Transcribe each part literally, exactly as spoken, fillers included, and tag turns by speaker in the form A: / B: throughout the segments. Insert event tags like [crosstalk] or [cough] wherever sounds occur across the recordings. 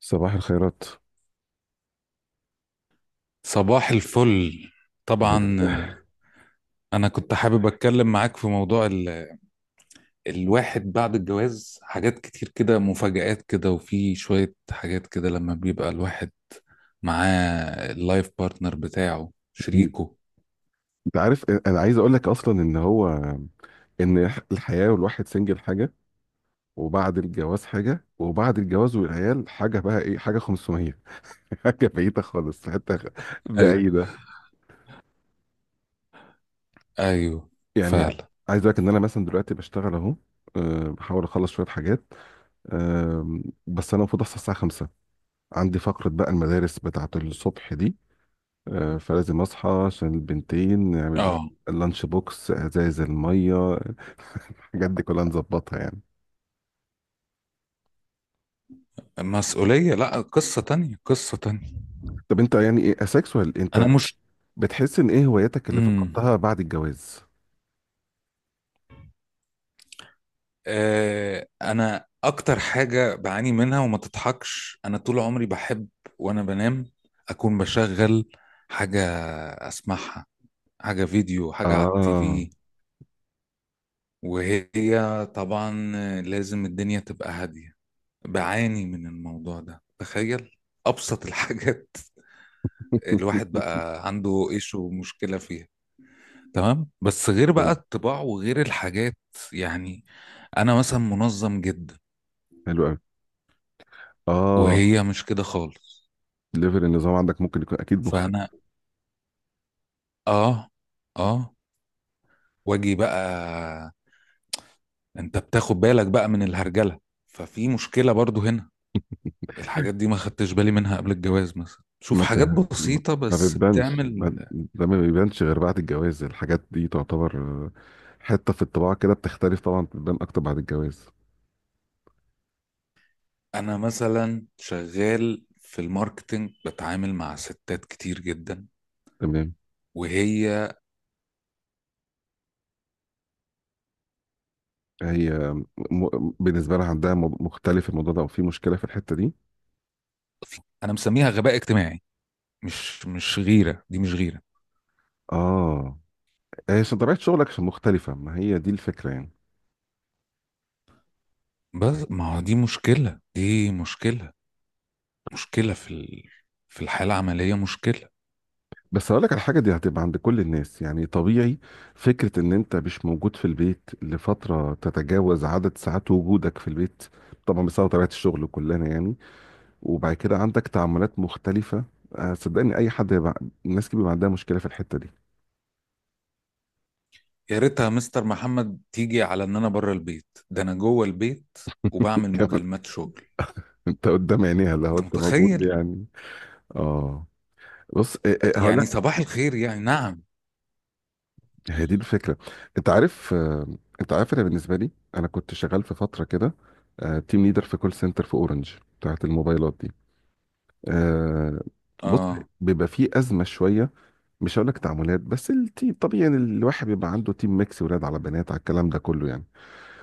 A: صباح الخيرات.
B: صباح الفل. طبعا
A: آه،
B: آه، انا كنت حابب اتكلم معاك في موضوع ال... الواحد بعد الجواز حاجات كتير كده، مفاجآت كده، وفي شوية حاجات كده لما بيبقى الواحد معاه اللايف بارتنر بتاعه،
A: انت
B: شريكه.
A: عارف، انا عايز اقول لك اصلا ان هو ان الحياه والواحد سنجل حاجه، وبعد الجواز حاجه، وبعد الجواز والعيال حاجه، بقى ايه حاجه خمسمية. [laughs] حاجه بعيده خالص في حته خ-
B: ايوه،
A: بعيده
B: ايوه،
A: يعني.
B: فعلا
A: عايز اقول لك ان انا مثلا دلوقتي بشتغل اهو. أه، بحاول اخلص شويه حاجات. أه، بس انا المفروض اصحى الساعه خمسة، عندي فقره بقى المدارس بتاعه الصبح دي. أه، فلازم اصحى عشان البنتين نعمل لهم
B: اه
A: اللانش بوكس، ازايز الميه، الحاجات دي كلها نظبطها يعني.
B: مسؤولية، لا قصة تانية قصة تانية.
A: طب انت يعني ايه اسكسوال
B: انا
A: انت؟
B: مش
A: بتحس ان ايه هواياتك اللي
B: مم.
A: فقدتها بعد الجواز؟
B: آه، انا اكتر حاجه بعاني منها وما تضحكش، انا طول عمري بحب وانا بنام اكون بشغل حاجه اسمعها، حاجه فيديو، حاجه على التي
A: اه.
B: في. وهي طبعا لازم الدنيا تبقى هاديه. بعاني من الموضوع ده، تخيل، ابسط الحاجات. [laughs] الواحد
A: [laughs]
B: بقى عنده ايش ومشكله فيها. تمام، بس غير بقى الطباع وغير الحاجات، يعني انا مثلا منظم جدا
A: حلو قوي. اه.
B: وهي مش كده خالص.
A: ليفل النظام عندك ممكن يكون اكيد مختلف.
B: فانا اه اه واجي بقى، انت بتاخد بالك بقى من الهرجله، ففي مشكله برضو هنا. الحاجات دي ما خدتش بالي منها قبل الجواز، مثلا شوف
A: ما انت
B: حاجات بسيطه
A: ما
B: بس
A: بتبانش،
B: بتعمل.
A: ما- ده ما بيبانش غير بعد الجواز. الحاجات دي تعتبر آه، حته في الطباع كده بتختلف طبعا، بتبان اكتر بعد الجواز.
B: انا مثلا شغال في الماركتينج، بتعامل مع ستات كتير جدا،
A: تمام.
B: وهي
A: هي م... بالنسبه لها عندها مو- مختلف الموضوع ده، او في مشكله في الحته دي.
B: انا مسميها غباء اجتماعي. مش مش غيره، دي مش غيره.
A: اه. هي عشان طبيعة شغلك، عشان مختلفة، ما هي دي الفكرة يعني.
B: بس ما هو دي مشكله، دي مشكله، مشكله في ال... في الحاله العمليه مشكله.
A: بس هقول لك على حاجة دي هتبقى عند كل الناس يعني طبيعي. فكرة ان انت مش موجود في البيت لفترة تتجاوز عدد ساعات وجودك في البيت، طبعا بسبب طبيعة الشغل كلنا يعني. وبعد كده عندك تعاملات مختلفة. آه، صدقني اي حد هيبقى، الناس كتير بيبقى عندها مشكلة في الحتة دي.
B: يا ريتها مستر محمد تيجي على ان انا بره البيت، ده انا جوه البيت
A: [laughs]
B: وبعمل
A: كمان
B: مكالمات شغل،
A: انت قدام عينيها لو
B: انت
A: انت موجود
B: متخيل؟
A: يعني. اه. بص آه، آه، هقول،
B: يعني صباح الخير، يعني نعم.
A: هي دي الفكرة. انت عارف، آه، انت عارف انا بالنسبة لي، انا كنت شغال في فترة كده تيم ليدر في كول سنتر في اورنج بتاعت الموبايلات دي. آه، بص،
B: اه
A: بيبقى فيه أزمة شوية. مش هقول لك تعاملات، بس التيم طبيعي يعني، الواحد بيبقى عنده تيم ميكس ولاد على بنات على الكلام ده كله يعني.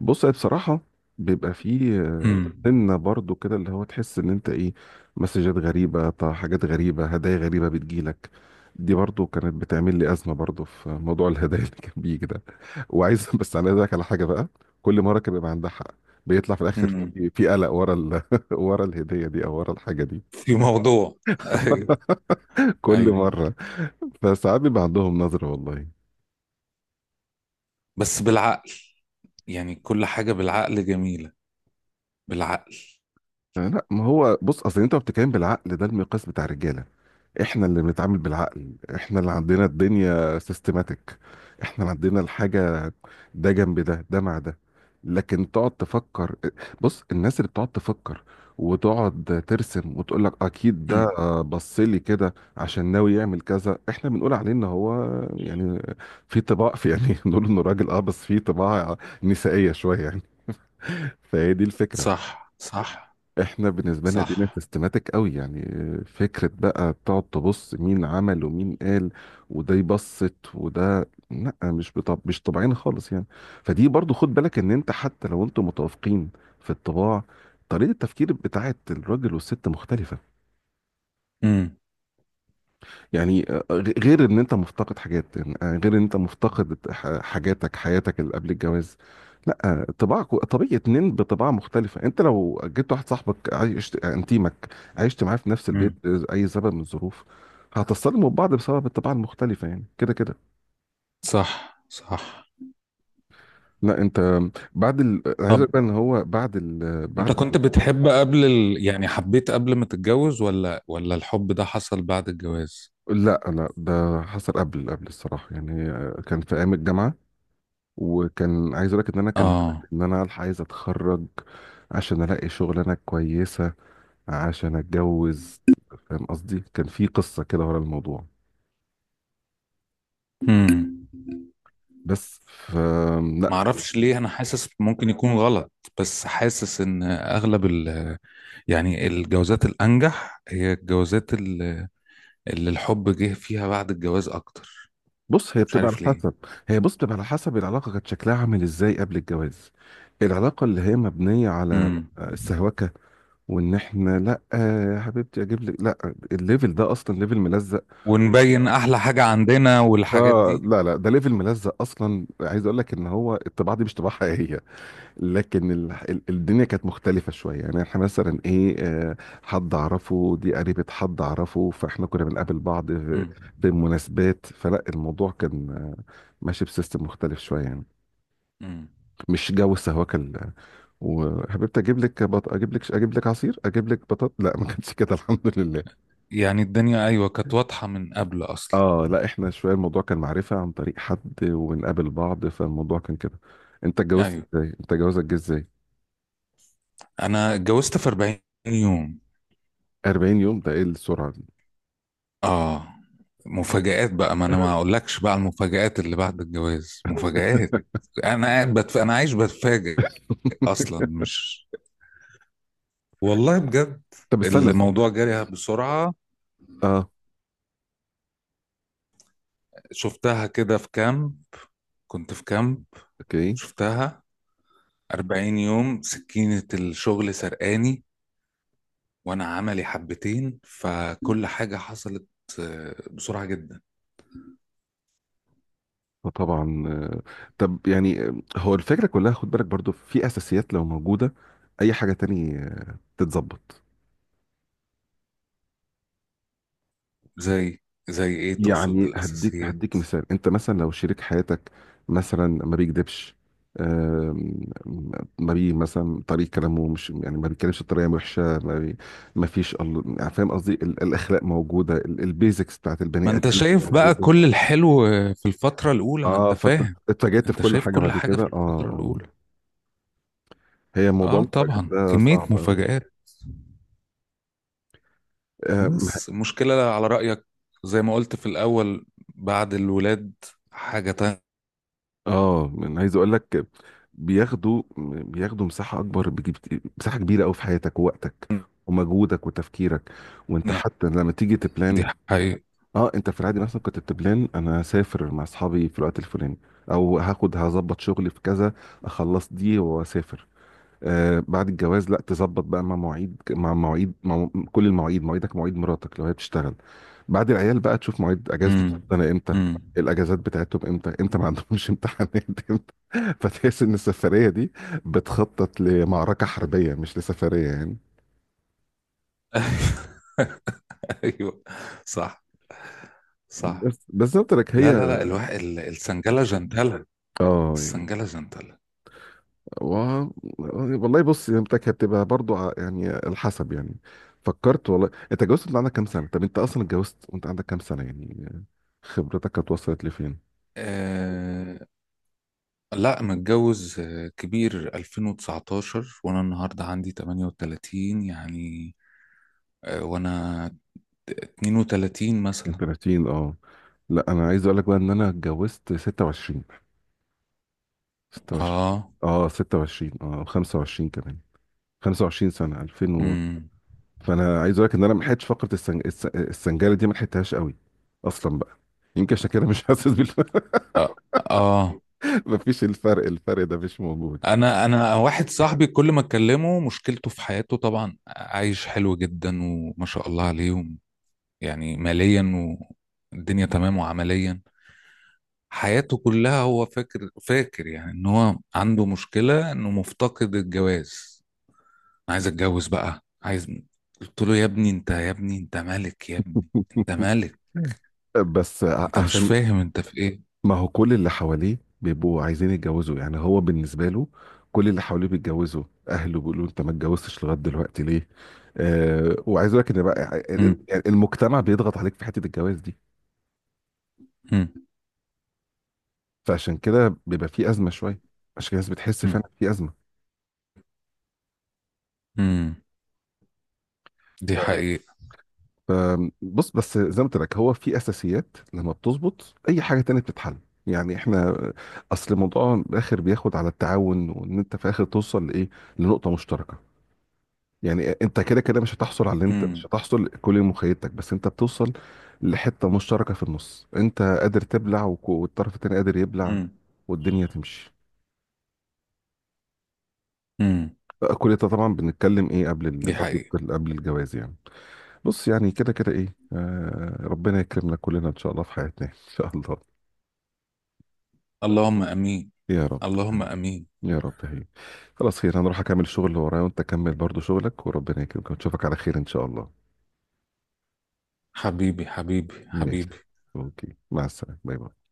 A: بص هي بصراحة بيبقى فيه آه،
B: امم
A: سنة برضو كده اللي هو تحس ان انت ايه، مسجات غريبة، طا- حاجات غريبة، هدايا غريبة بتجيلك. دي برضو كانت بتعمل لي أزمة برضو في موضوع [laughs] الهدايا اللي كان بيجي ده. وعايز [laughs] بس انا عايز أقولك على حاجة بقى، كل مرة كان بيبقى عندها حق. بيطلع في الآخر
B: امم
A: في في قلق ورا ال... [laughs] ورا الهدية دي أو ورا الحاجة دي.
B: في موضوع [laughs] ايوه،
A: [laughs] كل
B: ايوه،
A: مرة. فساعات بيبقى عندهم نظرة والله.
B: بس بالعقل. يعني كل حاجة بالعقل جميلة، بالعقل.
A: آه، لا ما هو بص اصل انت بتتكلم بالعقل، ده المقياس بتاع الرجاله. احنا اللي بنتعامل بالعقل، احنا اللي عندنا الدنيا سيستماتيك، احنا اللي عندنا الحاجة ده جنب ده، ده مع ده. لكن تقعد تفكر، بص الناس اللي بتقعد تفكر وتقعد ترسم وتقول لك اكيد ده
B: امم
A: بص لي كده عشان ناوي يعمل كذا، احنا بنقول عليه ان هو يعني في طباع، في يعني [laughs] بنقول انه راجل اه بس في طباع نسائية شوية يعني. فهي دي الفكرة.
B: صح، صح،
A: احنا بالنسبه لنا دينا
B: صح.
A: سيستماتيك قوي يعني. آه، فكره بقى تقعد تبص مين عمل ومين قال، وده يبسط وده لا، مش بطب... مش طبيعيين خالص يعني. فدي برضو خد بالك ان انت حتى لو انتوا متوافقين في الطباع، طريقه التفكير بتاعت الراجل والست مختلفه
B: امم
A: يعني. آه، غ- غير ان انت مفتقد حاجات يعني، آه، غير ان انت مفتقد ح- حاجاتك حياتك اللي قبل الجواز. لا آه، طباعك طبيعي اتنين بطباعة مختلفة. انت لو جبت واحد صاحبك عايش آه، انتيمك، عشت معاه في نفس البيت
B: امم
A: آه، اي سبب من الظروف، هتتصدموا ببعض بسبب الطباع المختلفة يعني كده كده.
B: صح، صح.
A: لا انت بعد ال... أنا عايز
B: طب،
A: اقول بقى ان هو بعد ال...
B: انت
A: بعد ال...
B: كنت بتحب قبل ال... يعني حبيت قبل ما تتجوز، ولا ولا الحب ده حصل بعد الجواز؟
A: لا لا، ده حصل قبل قبل الصراحة يعني، آه، كان في ايام الجامعة. وكان عايز اقول لك ان انا كان
B: اه
A: ان انا الحق عايز اتخرج عشان الاقي شغلانه كويسه عشان اتجوز. فاهم قصدي، كان في قصه كده ورا الموضوع.
B: امم
A: بس ف لا.
B: معرفش ليه، انا حاسس ممكن يكون غلط، بس حاسس ان اغلب ال، يعني الجوازات الانجح هي الجوازات ال- اللي الحب جه فيها بعد الجواز اكتر.
A: بص هي
B: مش
A: بتبقى على
B: عارف ليه.
A: حسب، هي بص بتبقى على حسب العلاقه كانت شكلها عامل ازاي قبل الجواز. العلاقه اللي هي مبنيه على
B: امم
A: السهوكه، وان احنا لا يا حبيبتي اجيب لك، لا، الليفل ده اصلا ليفل ملزق.
B: ونبين احلى حاجة عندنا والحاجات
A: اه
B: دي.
A: لا لا، ده ليفل ملزق اصلا. عايز اقول لك ان هو الطباعه دي مش طباعه حقيقيه. لكن ال... ال- الدنيا كانت مختلفة شوية يعني، احنا مثلا ايه آه، حد اعرفه، دي قريبة حد اعرفه، فاحنا كنا بنقابل بعض في
B: امم
A: في مناسبات، فلا الموضوع كان آه، ماشي بسيستم مختلف شوية يعني،
B: امم
A: مش جو السهوكة ال- وحبيبتي اجيب لك بط... اجيب لك، اجيب لك عصير، اجيب لك بطاط، لا ما كانش كده. [laughs] الحمد لله.
B: يعني الدنيا ايوه كانت واضحة من قبل اصلا.
A: اه لا احنا شوية الموضوع كان معرفة عن طريق حد، وبنقابل بعض، فالموضوع كان كده. انت اتجوزت
B: ايوه،
A: ازاي؟ انت جوازك جه ازاي؟
B: انا اتجوزت في أربعين يوم.
A: أربعين يوم، ده ايه السرعة دي؟
B: اه مفاجآت بقى، ما انا ما اقولكش بقى على المفاجآت اللي بعد الجواز مفاجآت. انا قاعد بتف... انا عايش بتفاجئ
A: [laughs]
B: اصلا، مش، والله بجد.
A: طب استنى استنى.
B: الموضوع جري بسرعة،
A: اه،
B: شفتها كده في كامب، كنت في كامب
A: اوكي.
B: شفتها. أربعين يوم سكينة الشغل سرقاني، وانا عملي حبتين، فكل حاجة حصلت آه، بسرعة جدا.
A: آه، طبعا آه، طب يعني آه، هو الفكره كلها خد بالك برضو في اساسيات لو موجوده اي حاجه تاني آه، تتظبط.
B: زي زي ايه تقصد
A: يعني هديك
B: الاساسيات؟
A: هديك مثال، انت مثلا لو شريك حياتك مثلا ما بيكذبش، آم، ما بي مثلا طريق كلامه مش يعني ما بيتكلمش بطريقه وحشه، ما, بي ما فيش ال- يعني فاهم قصدي ال- الاخلاق موجوده، البيزكس بتاعت البني
B: ما انت
A: ادمين
B: شايف بقى
A: موجوده.
B: كل الحلو في الفترة الأولى، ما انت
A: اه
B: فاهم،
A: فاتجهت في
B: انت
A: كل
B: شايف
A: حاجه
B: كل
A: بعد
B: حاجة
A: كده
B: في
A: اه
B: الفترة
A: اه.
B: الأولى.
A: هي موضوع
B: اه
A: المفاجآت
B: طبعا،
A: ده
B: كمية
A: صعب أوي.
B: مفاجآت.
A: آه مح-
B: بس المشكلة على رأيك، زي ما قلت في الأول، بعد الولاد حاجة تانية.
A: آه، أنا عايز أقول لك، بياخدوا بياخدوا مساحة أكبر، بيجيب مساحة كبيرة أوي في حياتك ووقتك ومجهودك وتفكيرك. وأنت حتى لما تيجي
B: دي
A: تبلان.
B: حقيقة.
A: أه، أنت في العادي مثلا كنت بتبلان، أنا هسافر مع أصحابي في الوقت الفلاني، أو هاخد هظبط شغلي في كذا، أخلص دي وأسافر. آه بعد الجواز لا، تظبط بقى مع مواعيد مع مواعيد مع كل المواعيد، مواعيدك، مواعيد مراتك لو هي بتشتغل، بعد العيال بقى تشوف مواعيد اجازة
B: امم
A: انا امتى،
B: امم
A: الاجازات بتاعتهم امتى، امتى ما عندهمش [laughs] امتحانات امتى، فتحس ان السفرية دي بتخطط لمعركة حربية مش لسفرية يعني.
B: [laughs] ايوه، صح، صح.
A: بس بالظبط لك
B: لا،
A: هي
B: لا، لا، الواحد ال- السنجلة جنتلة.
A: اه.
B: السنجلة جنتلة.
A: و... والله بص هي بتاعك هتبقى برضو ع- يعني على حسب يعني. فكرت والله. انت اتجوزت وانت عندك كام سنة؟ طب انت اصلا اتجوزت وانت عندك كام سنة يعني؟ خبرتك كانت وصلت لفين؟
B: لا، متجوز آه، كبير ألفين وتسعتاشر، وانا النهارده عندي ثمانية وثلاثين يعني. آه، وانا اثنين وثلاثين
A: من
B: مثلا.
A: تلاتين، اه. لا انا عايز اقول لك بقى ان انا اتجوزت ستة وعشرين، ستة وعشرين.
B: اه
A: اه ستة وعشرين اه خمسة وعشرين كمان خمس وعشرين سنة ألفين و...
B: امم
A: فانا عايز اقول لك ان انا ما لحقتش فقرة السنج... الس- السنجارة دي، ما لحقتهاش قوي اصلا بقى. يمكن عشان كده مش حاسس بالفرق.
B: اه آه.
A: [laughs] مفيش الفرق، الفرق ده مش موجود.
B: انا انا واحد صاحبي كل ما اكلمه، مشكلته في حياته طبعا عايش حلو جدا وما شاء الله عليهم، يعني ماليا، والدنيا تمام، وعمليا حياته كلها. هو فاكر فاكر يعني ان هو عنده مشكلة انه مفتقد الجواز، عايز اتجوز بقى، عايز. قلت له يا ابني، انت يا ابني، انت ملك يا ابني، انت ملك.
A: بس ع-
B: انت مش
A: عشان
B: فاهم انت في ايه.
A: ما هو كل اللي حواليه بيبقوا عايزين يتجوزوا، يعني هو بالنسبة له كل اللي حواليه بيتجوزوا، أهله بيقولوا أنت ما اتجوزتش لغاية دلوقتي ليه؟ آه، وعايز أقول لك إن بقى ال- ال-
B: مم.
A: يعني المجتمع بيضغط عليك في حتة الجواز دي.
B: مم.
A: فعشان كده بيبقى في أزمة شوية، عشان كده الناس بتحس
B: مم.
A: فعلا في أزمة.
B: مم. دي حقيقة.
A: آم، بص بس زي ما قلت لك هو في أساسيات لما بتظبط، أي حاجة تانية بتتحل. يعني احنا أصل الموضوع في الآخر بياخد على التعاون، وإن أنت في الآخر توصل لإيه؟ لنقطة مشتركة. يعني انت كده كده مش هتحصل على اللي انت
B: مم.
A: مش هتحصل كل مخيلتك، بس انت بتوصل لحتة مشتركة في النص، انت قادر تبلع وك- والطرف التاني قادر يبلع،
B: مم.
A: والدنيا تمشي.
B: مم.
A: آه، كل ده طبعا بنتكلم ايه قبل ال...
B: دي
A: برضه
B: حقيقة.
A: قبل قبل الجواز يعني. بص يعني كده كده ايه آه ربنا يكرمنا كلنا ان شاء الله في حياتنا. [laughs] ان شاء الله.
B: اللهم امين.
A: يا رب.
B: اللهم امين.
A: يا رب. هي خلاص خير، انا اروح اكمل الشغل اللي ورايا، وانت كمل برضه شغلك، وربنا يكرمك، ونشوفك على خير ان شاء الله.
B: حبيبي، حبيبي،
A: ماشي.
B: حبيبي.
A: اوكي مع السلامة. باي باي.